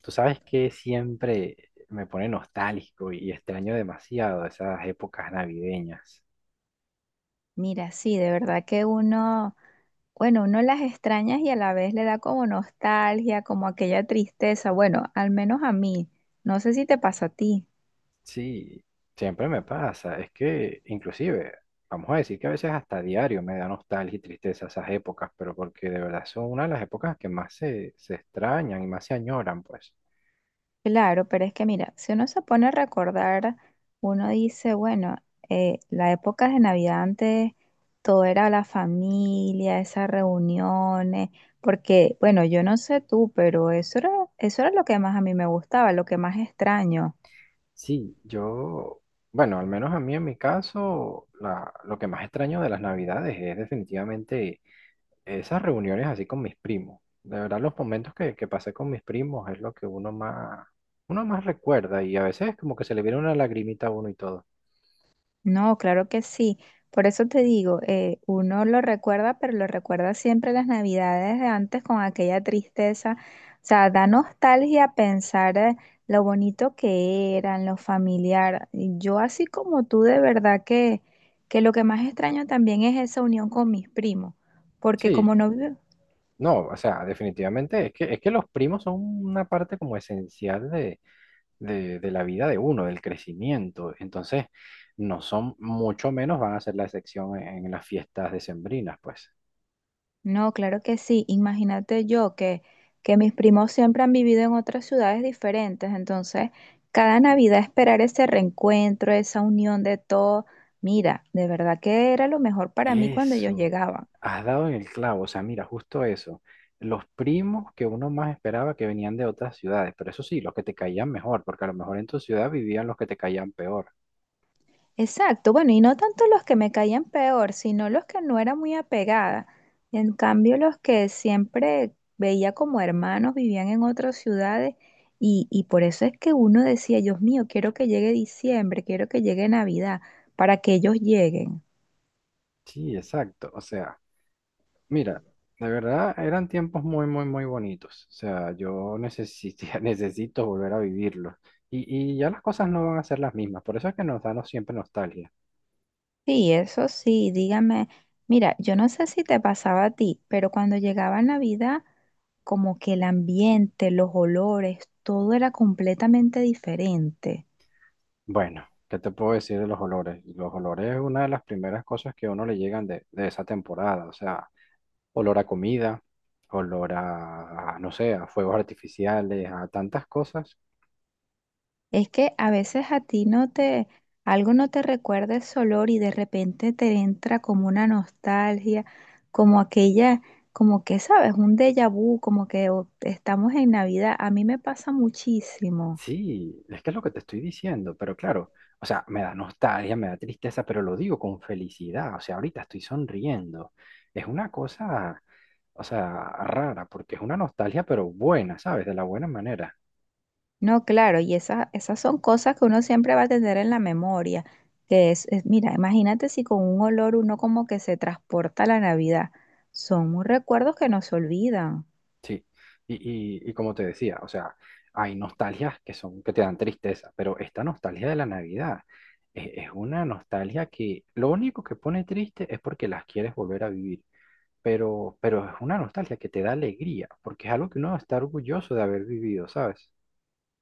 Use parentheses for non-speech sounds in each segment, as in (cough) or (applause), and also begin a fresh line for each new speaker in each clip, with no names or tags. Tú sabes que siempre me pone nostálgico y extraño demasiado esas épocas navideñas.
Mira, sí, de verdad que uno, bueno, uno las extrañas y a la vez le da como nostalgia, como aquella tristeza. Bueno, al menos a mí. No sé si te pasa a ti.
Sí, siempre me pasa. Es que inclusive, vamos a decir que a veces hasta diario me da nostalgia y tristeza esas épocas, pero porque de verdad son una de las épocas que más se extrañan y más se añoran, pues.
Claro, pero es que mira, si uno se pone a recordar, uno dice, bueno, la época de Navidad antes, todo era la familia, esas reuniones, porque, bueno, yo no sé tú, pero eso era lo que más a mí me gustaba, lo que más extraño.
Sí, yo, bueno, al menos a mí en mi caso, lo que más extraño de las navidades es definitivamente esas reuniones así con mis primos. De verdad, los momentos que, pasé con mis primos es lo que uno más recuerda, y a veces como que se le viene una lagrimita a uno y todo.
No, claro que sí. Por eso te digo, uno lo recuerda, pero lo recuerda siempre las navidades de antes con aquella tristeza. O sea, da nostalgia pensar lo bonito que eran, lo familiar. Yo así como tú, de verdad que lo que más extraño también es esa unión con mis primos, porque
Sí,
como no vive-
no, o sea, definitivamente es que, los primos son una parte como esencial de la vida de uno, del crecimiento. Entonces, no son, mucho menos van a ser la excepción en las fiestas decembrinas, pues.
No, claro que sí. Imagínate yo que mis primos siempre han vivido en otras ciudades diferentes, entonces cada Navidad esperar ese reencuentro, esa unión de todo, mira, de verdad que era lo mejor para mí cuando ellos
Eso,
llegaban.
has dado en el clavo, o sea, mira, justo eso. Los primos que uno más esperaba que venían de otras ciudades, pero eso sí, los que te caían mejor, porque a lo mejor en tu ciudad vivían los que te caían peor.
Exacto, bueno, y no tanto los que me caían peor, sino los que no era muy apegada. En cambio, los que siempre veía como hermanos vivían en otras ciudades y por eso es que uno decía, Dios mío, quiero que llegue diciembre, quiero que llegue Navidad, para que ellos lleguen.
Sí, exacto, o sea, mira, de verdad eran tiempos muy, muy, muy bonitos. O sea, yo necesito, (laughs) necesito volver a vivirlos. Y ya las cosas no van a ser las mismas, por eso es que nos da siempre nostalgia.
Sí, eso sí, dígame, mira, yo no sé si te pasaba a ti, pero cuando llegaba Navidad, como que el ambiente, los olores, todo era completamente diferente.
Bueno, ¿qué te puedo decir de los olores? Los olores es una de las primeras cosas que a uno le llegan de esa temporada, o sea. Olor a comida, olor a no sé, a fuegos artificiales, a tantas cosas.
Es que a veces a ti no te, algo no te recuerda ese olor y de repente te entra como una nostalgia, como aquella, como que sabes, un déjà vu, como que oh, estamos en Navidad. A mí me pasa muchísimo.
Sí, es que es lo que te estoy diciendo, pero claro, o sea, me da nostalgia, me da tristeza, pero lo digo con felicidad. O sea, ahorita estoy sonriendo. Es una cosa, o sea, rara, porque es una nostalgia, pero buena, ¿sabes? De la buena manera.
No, claro, y esas son cosas que uno siempre va a tener en la memoria. Mira, imagínate si con un olor uno como que se transporta a la Navidad. Son recuerdos que no se olvidan.
Sí, y como te decía, o sea, hay nostalgias que son, que te dan tristeza, pero esta nostalgia de la Navidad es una nostalgia que lo único que pone triste es porque las quieres volver a vivir, pero es una nostalgia que te da alegría, porque es algo que uno está orgulloso de haber vivido, ¿sabes?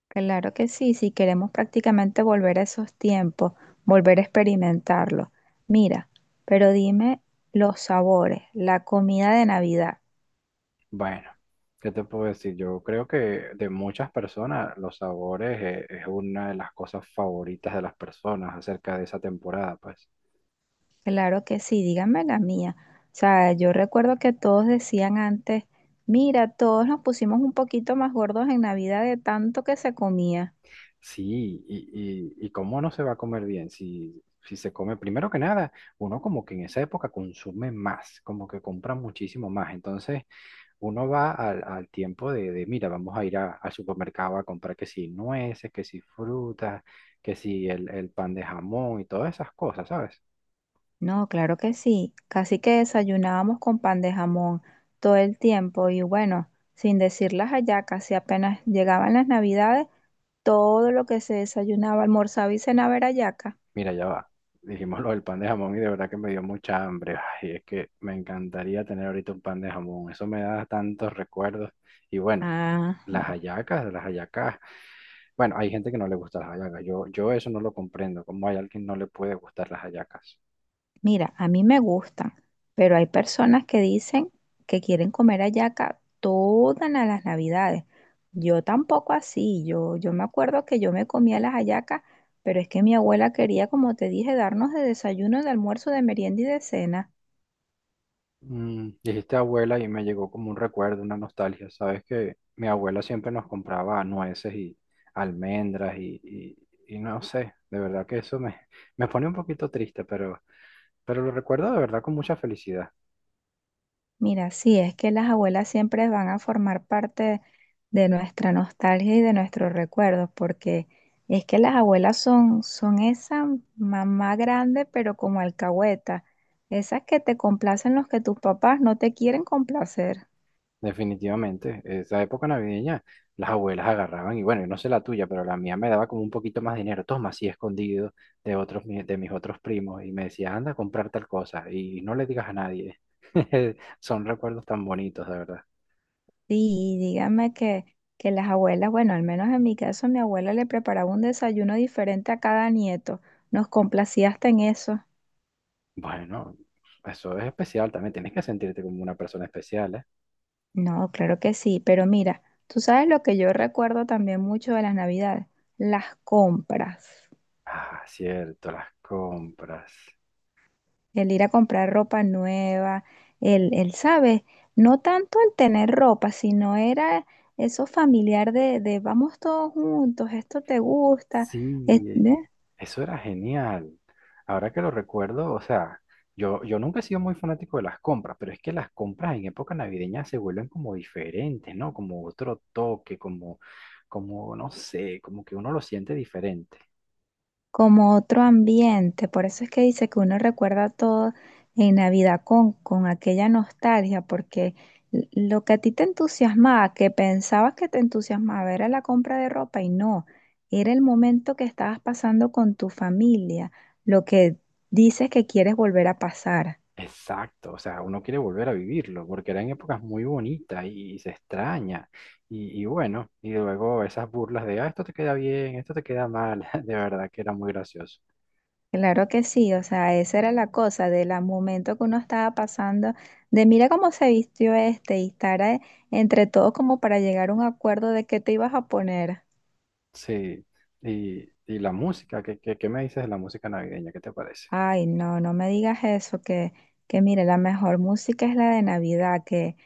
Claro que sí, si queremos prácticamente volver a esos tiempos, volver a experimentarlo. Mira, pero dime los sabores, la comida de Navidad.
Bueno, ¿qué te puedo decir? Yo creo que de muchas personas los sabores es una de las cosas favoritas de las personas acerca de esa temporada, pues.
Claro que sí, díganme la mía. O sea, yo recuerdo que todos decían antes, mira, todos nos pusimos un poquito más gordos en Navidad de tanto que se comía.
Sí, y cómo no se va a comer bien si, se come. Primero que nada, uno como que en esa época consume más, como que compra muchísimo más. Entonces, uno va al tiempo mira, vamos a ir al supermercado a comprar que si nueces, que si frutas, que si el pan de jamón y todas esas cosas, ¿sabes?
No, claro que sí, casi que desayunábamos con pan de jamón todo el tiempo y bueno, sin decir las hallacas, si apenas llegaban las Navidades. Todo lo que se desayunaba, almorzaba y cenaba era yaca.
Mira, ya va. Dijimos lo del pan de jamón y de verdad que me dio mucha hambre. Ay, es que me encantaría tener ahorita un pan de jamón. Eso me da tantos recuerdos. Y bueno,
Ah,
las hallacas, las hallacas. Bueno, hay gente que no le gusta las hallacas. Yo eso no lo comprendo. ¿Cómo hay alguien que no le puede gustar las hallacas?
mira, a mí me gustan, pero hay personas que dicen que quieren comer hallaca las navidades. Yo tampoco así, yo me acuerdo que yo me comía las hallacas, pero es que mi abuela quería, como te dije, darnos de desayuno, de almuerzo, de merienda y de cena.
Dijiste abuela y me llegó como un recuerdo, una nostalgia. Sabes que mi abuela siempre nos compraba nueces y almendras y no sé. De verdad que eso me, me pone un poquito triste, pero lo recuerdo de verdad con mucha felicidad.
Mira, sí, es que las abuelas siempre van a formar parte de nuestra nostalgia y de nuestros recuerdos, porque es que las abuelas son esa mamá grande, pero como alcahueta, esas que te complacen los que tus papás no te quieren complacer.
Definitivamente, esa época navideña, las abuelas agarraban, y bueno, yo no sé la tuya, pero la mía me daba como un poquito más dinero, toma, así escondido de otros, de mis otros primos, y me decía, anda a comprar tal cosa, y no le digas a nadie. (laughs) Son recuerdos tan bonitos, de verdad.
Sí, y dígame que las abuelas, bueno, al menos en mi caso, mi abuela le preparaba un desayuno diferente a cada nieto. Nos complacía hasta en eso.
Bueno, eso es especial también, tienes que sentirte como una persona especial, ¿eh?
No, claro que sí, pero mira, tú sabes lo que yo recuerdo también mucho de las Navidades, las compras,
Ah, cierto, las compras.
el ir a comprar ropa nueva, el, ¿sabes? No tanto el tener ropa, sino era eso familiar de vamos todos juntos, esto te gusta, ¿eh?
Sí, eso era genial. Ahora que lo recuerdo, o sea, yo nunca he sido muy fanático de las compras, pero es que las compras en época navideña se vuelven como diferentes, ¿no? Como otro toque, no sé, como que uno lo siente diferente.
Como otro ambiente. Por eso es que dice que uno recuerda todo en Navidad con aquella nostalgia, porque lo que a ti te entusiasmaba, que pensabas que te entusiasmaba, era la compra de ropa y no, era el momento que estabas pasando con tu familia, lo que dices que quieres volver a pasar.
Exacto, o sea, uno quiere volver a vivirlo, porque eran épocas muy bonitas y se extraña. Y bueno, y luego esas burlas de, ah, esto te queda bien, esto te queda mal, (laughs) de verdad que era muy gracioso.
Claro que sí, o sea, esa era la cosa del momento que uno estaba pasando, de mira cómo se vistió este y estar entre todos como para llegar a un acuerdo de qué te ibas a poner.
Sí, y la música. ¿Qué me dices de la música navideña? ¿Qué te parece?
Ay, no, no me digas eso, que mire, la mejor música es la de Navidad, que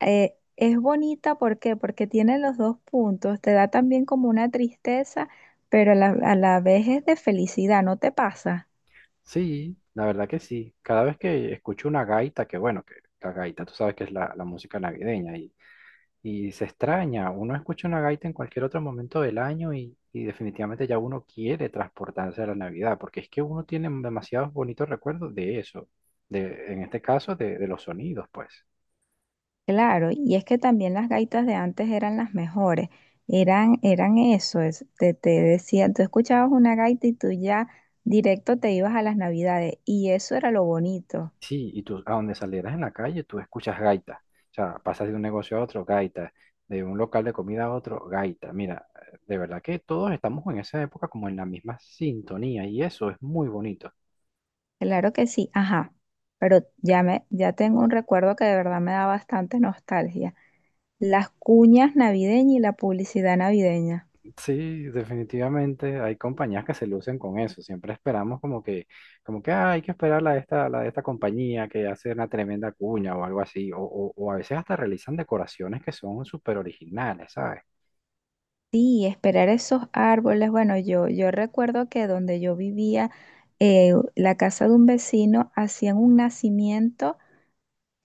es bonita, ¿por qué? Porque tiene los dos puntos, te da también como una tristeza, pero a la vez es de felicidad, ¿no te pasa?
Sí, la verdad que sí. Cada vez que escucho una gaita, que bueno, que la gaita, tú sabes que es la música navideña y se extraña. Uno escucha una gaita en cualquier otro momento del año y definitivamente ya uno quiere transportarse a la Navidad, porque es que uno tiene demasiados bonitos recuerdos de eso, en este caso de los sonidos, pues.
Claro, y es que también las gaitas de antes eran las mejores, eran eso, te, te decían, tú escuchabas una gaita y tú ya directo te ibas a las Navidades, y eso era lo bonito.
Sí, y tú a donde salieras en la calle, tú escuchas gaita. O sea, pasas de un negocio a otro, gaita. De un local de comida a otro, gaita. Mira, de verdad que todos estamos en esa época como en la misma sintonía y eso es muy bonito.
Claro que sí, ajá. Pero ya me, ya tengo un recuerdo que de verdad me da bastante nostalgia. Las cuñas navideñas y la publicidad navideña.
Sí, definitivamente hay compañías que se lucen con eso. Siempre esperamos como que, como que: "Ah, hay que esperar la de esta compañía que hace una tremenda cuña o algo así". O a veces hasta realizan decoraciones que son súper originales, ¿sabes?
Sí, esperar esos árboles. Bueno, yo recuerdo que donde yo vivía, la casa de un vecino hacían un nacimiento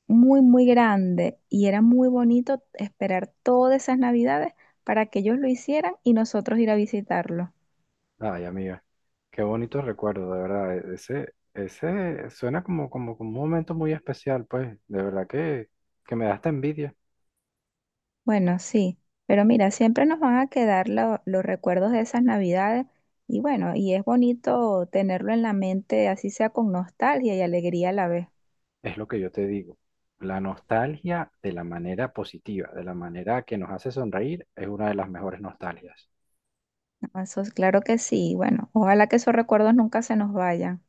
muy, muy grande y era muy bonito esperar todas esas navidades para que ellos lo hicieran y nosotros ir a visitarlo.
Ay, amiga, qué bonito recuerdo, de verdad. Ese, ese suena como, como un momento muy especial, pues. De verdad que me da hasta envidia.
Bueno, sí, pero mira, siempre nos van a quedar los recuerdos de esas navidades y bueno, y es bonito tenerlo en la mente, así sea con nostalgia y alegría a la vez.
Es lo que yo te digo. La nostalgia de la manera positiva, de la manera que nos hace sonreír, es una de las mejores nostalgias.
¿No? Eso es claro que sí. Bueno, ojalá que esos recuerdos nunca se nos vayan.